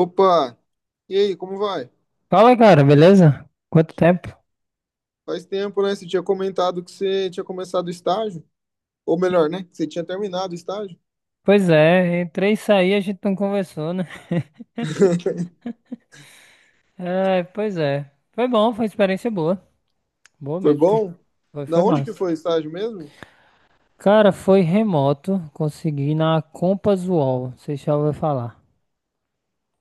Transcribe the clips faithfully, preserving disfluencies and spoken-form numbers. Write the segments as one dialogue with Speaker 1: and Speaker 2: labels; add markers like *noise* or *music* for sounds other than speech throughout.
Speaker 1: Opa! E aí, como vai?
Speaker 2: Fala, cara, beleza? Quanto tempo?
Speaker 1: Faz tempo, né? Você tinha comentado que você tinha começado o estágio. Ou melhor, né? Que você tinha terminado o estágio.
Speaker 2: Pois é, entrei e saí, a gente não conversou, né?
Speaker 1: *laughs*
Speaker 2: É, pois é. Foi bom, foi experiência boa. Boa
Speaker 1: Foi
Speaker 2: mesmo, que
Speaker 1: bom?
Speaker 2: foi,
Speaker 1: Da
Speaker 2: foi
Speaker 1: onde que
Speaker 2: massa.
Speaker 1: foi o estágio mesmo?
Speaker 2: Cara, foi remoto, consegui na Compass UOL, você já ouviu falar.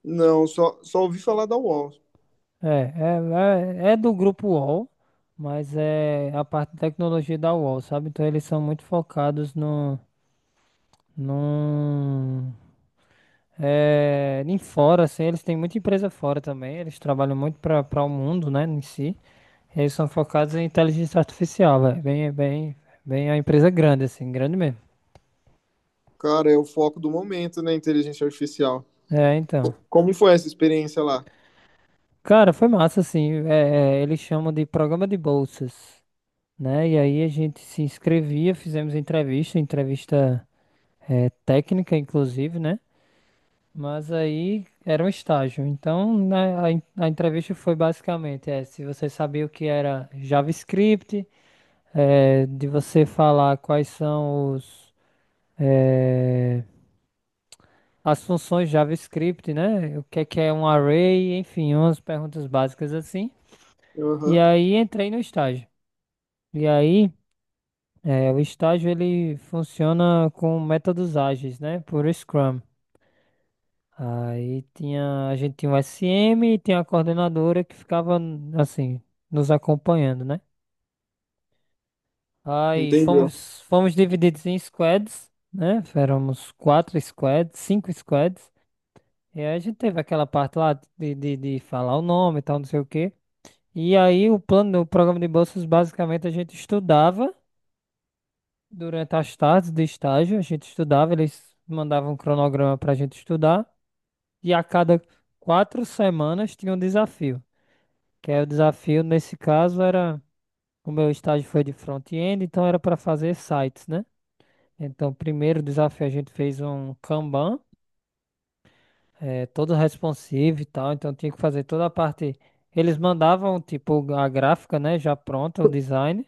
Speaker 1: Não, só, só ouvi falar da U O L.
Speaker 2: É, é, é, é do grupo UOL, mas é a parte de tecnologia da UOL, sabe? Então eles são muito focados no, num, É, em fora, assim, eles têm muita empresa fora também. Eles trabalham muito para para o mundo, né, em si. Eles são focados em inteligência artificial, velho. Bem, bem, bem a empresa grande, assim, grande mesmo.
Speaker 1: Cara, é o foco do momento, né? Inteligência artificial.
Speaker 2: É, então.
Speaker 1: Como foi essa experiência lá?
Speaker 2: Cara, foi massa, assim. É, é, eles chamam de programa de bolsas, né? E aí a gente se inscrevia, fizemos entrevista, entrevista é, técnica, inclusive, né? Mas aí era um estágio. Então, na, a, en- a entrevista foi basicamente é, se você sabia o que era JavaScript, é, de você falar quais são os, é, as funções JavaScript, né? O que é que é um array, enfim, umas perguntas básicas assim. E
Speaker 1: Aham,
Speaker 2: aí entrei no estágio. E aí, é, o estágio ele funciona com métodos ágeis, né? Por Scrum. Aí tinha, a gente tinha um S M e tinha a coordenadora que ficava assim, nos acompanhando, né? Aí
Speaker 1: entendeu.
Speaker 2: fomos, fomos divididos em squads, né? Éramos quatro squads, cinco squads. E aí a gente teve aquela parte lá de, de, de falar o nome e tal, não sei o quê. E aí o plano, o programa de bolsas, basicamente a gente estudava durante as tardes de estágio, a gente estudava, eles mandavam um cronograma pra gente estudar. E a cada quatro semanas tinha um desafio. Que aí o desafio nesse caso era, o meu estágio foi de front-end, então era para fazer sites, né? Então, primeiro desafio a gente fez um Kanban, eh, todo responsive e tal, então tinha que fazer toda a parte. Eles mandavam, tipo, a gráfica, né, já pronta, o design,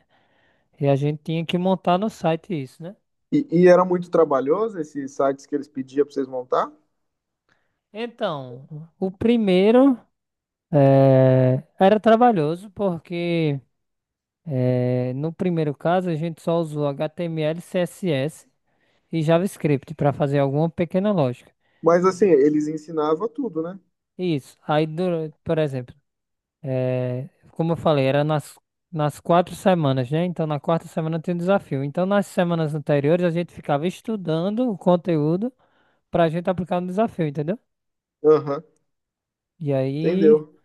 Speaker 2: e a gente tinha que montar no site isso, né?
Speaker 1: E, e era muito trabalhoso esses sites que eles pediam pra vocês montar?
Speaker 2: Então, o primeiro eh, era trabalhoso, porque eh, no primeiro caso a gente só usou H T M L e C S S, e JavaScript para fazer alguma pequena lógica.
Speaker 1: Mas assim, eles ensinavam tudo, né?
Speaker 2: Isso. Aí, dura- por exemplo, eh, como eu falei, era nas, nas quatro semanas, né? Então, na quarta semana tem um desafio. Então, nas semanas anteriores, a gente ficava estudando o conteúdo para a gente aplicar no desafio, entendeu?
Speaker 1: Aham,
Speaker 2: E aí,
Speaker 1: entendeu.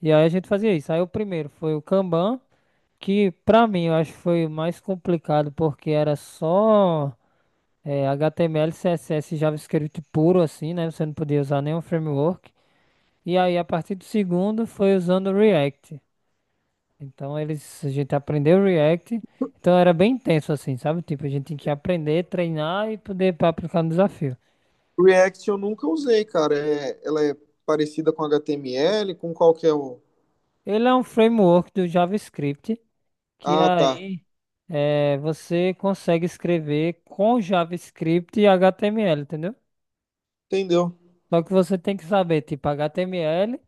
Speaker 2: e aí a gente fazia isso. Aí, o primeiro foi o Kanban, que para mim eu acho que foi o mais complicado, porque era só. eh, H T M L, C S S e JavaScript puro assim, né? Você não podia usar nenhum framework. E aí, a partir do segundo, foi usando o React. Então, eles, a gente aprendeu o React. Então, era bem intenso, assim, sabe? Tipo, a gente tinha que aprender, treinar e poder pra aplicar no desafio.
Speaker 1: React eu nunca usei, cara. É, ela é parecida com H T M L, com qual que é o...
Speaker 2: Ele é um framework do JavaScript, que
Speaker 1: Ah, tá.
Speaker 2: aí é, você consegue escrever com JavaScript e H T M L, entendeu?
Speaker 1: Entendeu?
Speaker 2: Só que você tem que saber, tipo, H T M L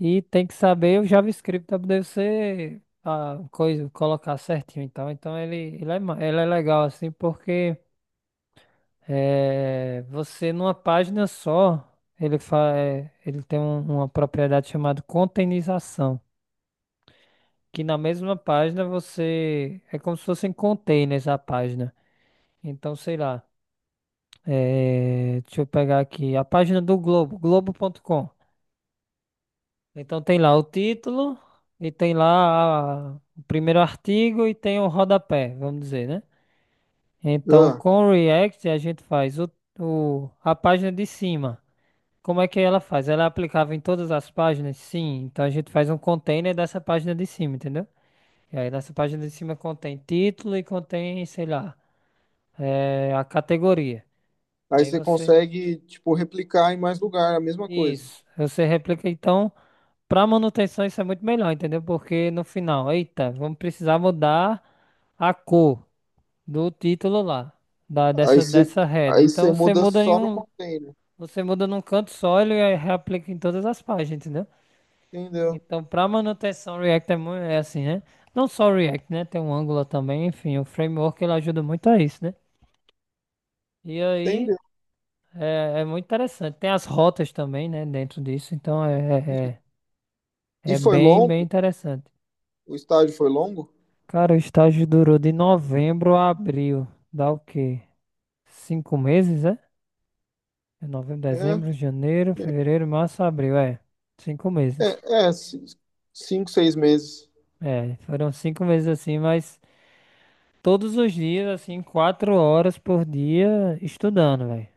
Speaker 2: e tem que saber o JavaScript para poder você a coisa colocar certinho. Então, então ele, ele, é, ma- ele é legal assim porque eh, você numa página só ele fa, eh, ele tem um- uma propriedade chamada containerização, que na mesma página você é como se fossem containers a página. Então, sei lá, eh, deixa eu pegar aqui a página do Globo, globo.com. Então tem lá o título e tem lá a- o primeiro artigo e tem o rodapé, vamos dizer, né? Então
Speaker 1: Ah,
Speaker 2: com o React a gente faz o, o- a página de cima. Como é que ela faz? Ela é aplicável em todas as páginas? Sim. Então a gente faz um container dessa página de cima, entendeu? E aí nessa página de cima contém título e contém, sei lá, eh, a categoria. E
Speaker 1: aí
Speaker 2: aí
Speaker 1: você
Speaker 2: você.
Speaker 1: consegue, tipo, replicar em mais lugar, a mesma coisa.
Speaker 2: Isso. Você replica então. Pra manutenção isso é muito melhor, entendeu? Porque no final, eita, vamos precisar mudar a cor do título lá, da,
Speaker 1: Aí
Speaker 2: dessa,
Speaker 1: você,
Speaker 2: dessa head.
Speaker 1: aí você
Speaker 2: Então você
Speaker 1: muda
Speaker 2: muda em
Speaker 1: só no
Speaker 2: um,
Speaker 1: container.
Speaker 2: você muda num canto só ele aí reaplica em todas as páginas, entendeu?
Speaker 1: Entendeu?
Speaker 2: Então pra manutenção React é, mu- é assim, né? Não só o React, né? Tem um Angular também, enfim, o framework ele ajuda muito a isso, né? E aí
Speaker 1: Entendeu?
Speaker 2: é, é muito interessante. Tem as rotas também, né? Dentro disso, então é,
Speaker 1: E,
Speaker 2: é, é
Speaker 1: e
Speaker 2: é
Speaker 1: foi
Speaker 2: bem, bem
Speaker 1: longo?
Speaker 2: interessante.
Speaker 1: O estágio foi longo?
Speaker 2: Cara, o estágio durou de novembro a abril. Dá o quê? Cinco meses, é? É novembro, dezembro,
Speaker 1: É,
Speaker 2: janeiro, fevereiro, março, abril. É, cinco meses.
Speaker 1: é, é, ci- cinco, seis meses.
Speaker 2: É, foram cinco meses assim, mas todos os dias, assim, quatro horas por dia estudando, velho.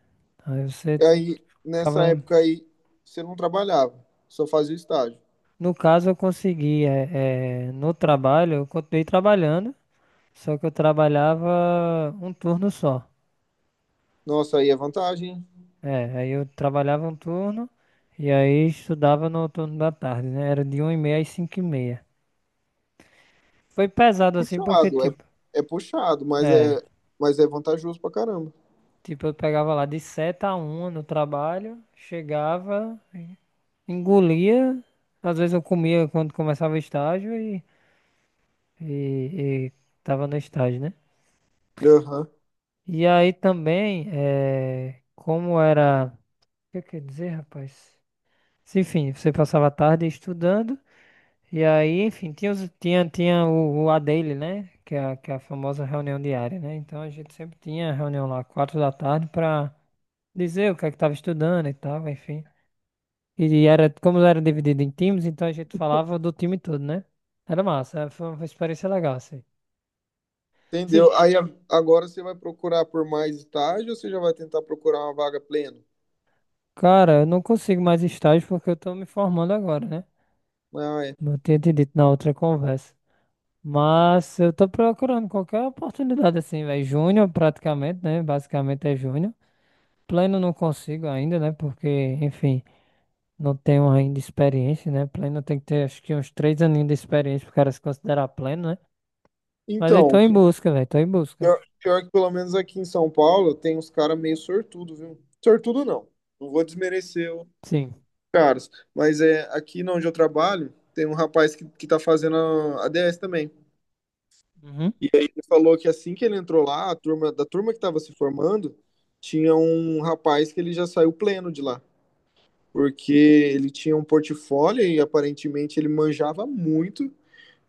Speaker 2: Aí você
Speaker 1: E aí, nessa
Speaker 2: ficava.
Speaker 1: época aí, você não trabalhava, só fazia o estágio.
Speaker 2: No caso, eu consegui, é, é, no trabalho, eu continuei trabalhando, só que eu trabalhava um turno só.
Speaker 1: Nossa, aí é vantagem,
Speaker 2: É, aí eu trabalhava um turno e aí estudava no turno da tarde, né? Era de uma e meia às cinco e meia. Foi pesado assim porque,
Speaker 1: puxado, é,
Speaker 2: tipo,
Speaker 1: é puxado, mas
Speaker 2: é,
Speaker 1: é, mas é vantajoso pra caramba.
Speaker 2: tipo, eu pegava lá de sete a uma no trabalho, chegava, engolia, às vezes eu comia quando começava o estágio e, e, e, tava no estágio, né?
Speaker 1: Aham.
Speaker 2: E aí também, é, como era, o que eu quero dizer, rapaz? Se, Enfim, você passava a tarde estudando. E aí, enfim, tinha, os- tinha, tinha o, o A dele, né? Que é, a- que é a famosa reunião diária, né? Então a gente sempre tinha reunião lá, quatro da tarde, pra dizer o que é que tava estudando e tal, enfim. E era, como era dividido em times, então a gente falava do time todo, né? Era massa, é, foi uma experiência legal, assim. Sim,
Speaker 1: Entendeu? Aí a- agora você vai procurar por mais estágio ou você já vai tentar procurar uma vaga plena?
Speaker 2: cara, eu não consigo mais estágio porque eu tô me formando agora, né?
Speaker 1: Ah, é.
Speaker 2: Não tinha te dito na outra conversa. Mas eu tô procurando qualquer oportunidade, assim, velho. Júnior praticamente, né? Basicamente é júnior. Pleno não consigo ainda, né? Porque, enfim, não tenho ainda experiência, né? Pleno tem que ter, acho que uns três aninhos de experiência pro cara se considerar pleno, né? Mas eu tô
Speaker 1: Então,
Speaker 2: em busca, velho. Tô em busca.
Speaker 1: pior, pior que pelo menos aqui em São Paulo tem uns caras meio sortudo, viu? Sortudo não. Não vou desmerecer os
Speaker 2: Sim.
Speaker 1: caras. Mas é aqui onde eu trabalho, tem um rapaz que, que tá fazendo a a ADS também.
Speaker 2: Uhum.
Speaker 1: E aí ele falou que assim que ele entrou lá, a turma, da turma que estava se formando, tinha um rapaz que ele já saiu pleno de lá, porque ele tinha um portfólio e aparentemente ele manjava muito,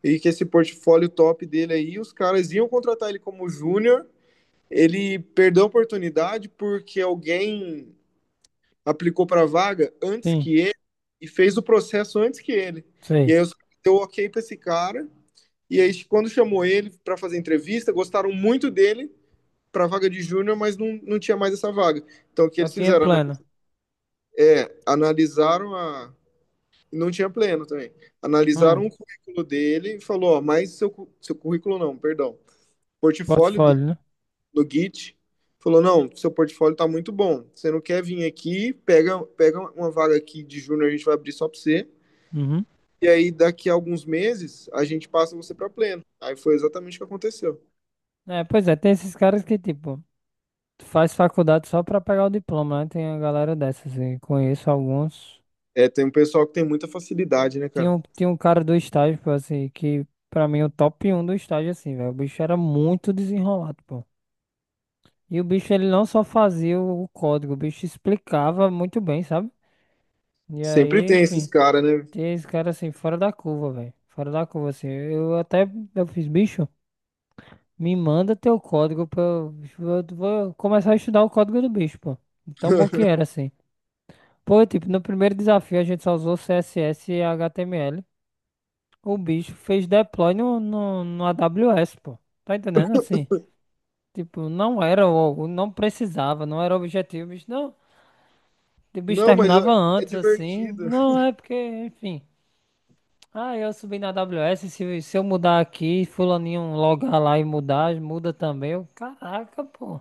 Speaker 1: e que esse portfólio top dele aí, os caras iam contratar ele como júnior, ele perdeu a oportunidade porque alguém aplicou para a vaga antes
Speaker 2: Sim.
Speaker 1: que ele e fez o processo antes que ele. E
Speaker 2: Sei.
Speaker 1: aí os caras deu ok para esse cara, e aí quando chamou ele para fazer entrevista, gostaram muito dele para a vaga de júnior, mas não, não tinha mais essa vaga. Então, o que
Speaker 2: Só
Speaker 1: eles
Speaker 2: tinha
Speaker 1: fizeram?
Speaker 2: pleno.
Speaker 1: É, analisaram a. Não tinha pleno também.
Speaker 2: Hum.
Speaker 1: Analisaram o currículo dele e falou: ó, mas seu, seu currículo não, perdão. Portfólio dele
Speaker 2: Portfólio, né?
Speaker 1: no Git. Falou: não, seu portfólio tá muito bom. Você não quer vir aqui, pega, pega uma vaga aqui de júnior, a gente vai abrir só para você.
Speaker 2: Uhum.
Speaker 1: E aí, daqui a alguns meses, a gente passa você para pleno. Aí foi exatamente o que aconteceu.
Speaker 2: É, pois é. Tem esses caras que, tipo, faz faculdade só pra pegar o diploma, né? Tem a galera dessas. E conheço alguns.
Speaker 1: É, tem um pessoal que tem muita facilidade, né,
Speaker 2: Tinha
Speaker 1: cara?
Speaker 2: um, tinha um cara do estágio, pô, assim, que pra mim é o top um do estágio, assim, velho. O bicho era muito desenrolado, pô. E o bicho, ele não só fazia o código, o bicho explicava muito bem, sabe? E
Speaker 1: Sempre
Speaker 2: aí,
Speaker 1: tem esses
Speaker 2: enfim,
Speaker 1: caras, né?
Speaker 2: tem esse cara assim, fora da curva, velho. Fora da curva, assim. Eu até, eu fiz, bicho, me manda teu código pra eu, eu vou começar a estudar o código do bicho, pô. Tão bom que era, assim. Pô, tipo, no primeiro desafio a gente só usou C S S e H T M L. O bicho fez deploy no, no, no A W S, pô. Tá entendendo? Assim, tipo, não era, o- não precisava, não era o objetivo, bicho, não. O bicho
Speaker 1: Não, mas ó,
Speaker 2: terminava
Speaker 1: é
Speaker 2: antes, assim.
Speaker 1: divertido,
Speaker 2: Não, é porque, enfim. Ah, eu subi na A W S, se, se, eu mudar aqui, fulaninho logar lá e mudar, muda também. Eu, caraca, pô.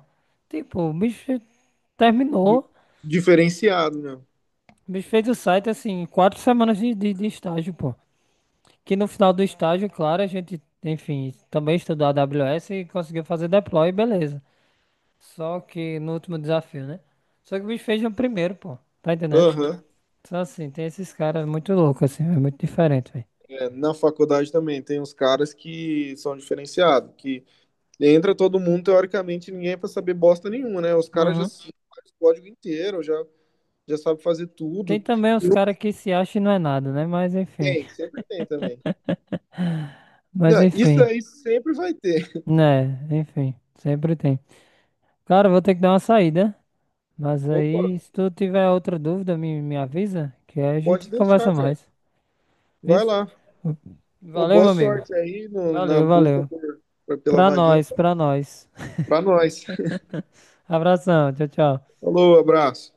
Speaker 2: Tipo, o bicho
Speaker 1: di-
Speaker 2: terminou.
Speaker 1: diferenciado, né?
Speaker 2: O bicho fez o site, assim, em quatro semanas de, de, de estágio, pô. Que no final do estágio, claro, a gente, enfim, também estudou a AWS e conseguiu fazer deploy, beleza. Só que no último desafio, né? Só que o bicho fez no primeiro, pô. Tá entendendo?
Speaker 1: Aham.
Speaker 2: Só assim, tem esses caras muito loucos, assim, é muito diferente, velho.
Speaker 1: É, na faculdade também tem uns caras que são diferenciados, que entra todo mundo, teoricamente, ninguém é pra saber bosta nenhuma, né? Os caras já
Speaker 2: Uhum.
Speaker 1: sabem o código inteiro, já, já sabem fazer
Speaker 2: Tem
Speaker 1: tudo.
Speaker 2: também os
Speaker 1: E não
Speaker 2: caras que se acham e não é nada, né? Mas enfim.
Speaker 1: tem, sempre tem também.
Speaker 2: Mas
Speaker 1: Não, isso
Speaker 2: enfim.
Speaker 1: aí sempre vai ter.
Speaker 2: Né, enfim. Sempre tem. Cara, eu vou ter que dar uma saída. Mas
Speaker 1: Opa,
Speaker 2: aí, se tu tiver outra dúvida, me, me avisa, que aí a
Speaker 1: pode
Speaker 2: gente
Speaker 1: deixar,
Speaker 2: conversa
Speaker 1: cara.
Speaker 2: mais.
Speaker 1: Vai
Speaker 2: Isso?
Speaker 1: lá. Ô,
Speaker 2: Valeu,
Speaker 1: boa
Speaker 2: meu amigo.
Speaker 1: sorte aí no- na
Speaker 2: Valeu,
Speaker 1: busca
Speaker 2: valeu.
Speaker 1: por- por- pela
Speaker 2: Pra
Speaker 1: vaguinha
Speaker 2: nós, pra nós. *laughs*
Speaker 1: pra nós.
Speaker 2: Abração, tchau, tchau.
Speaker 1: Falou, abraço.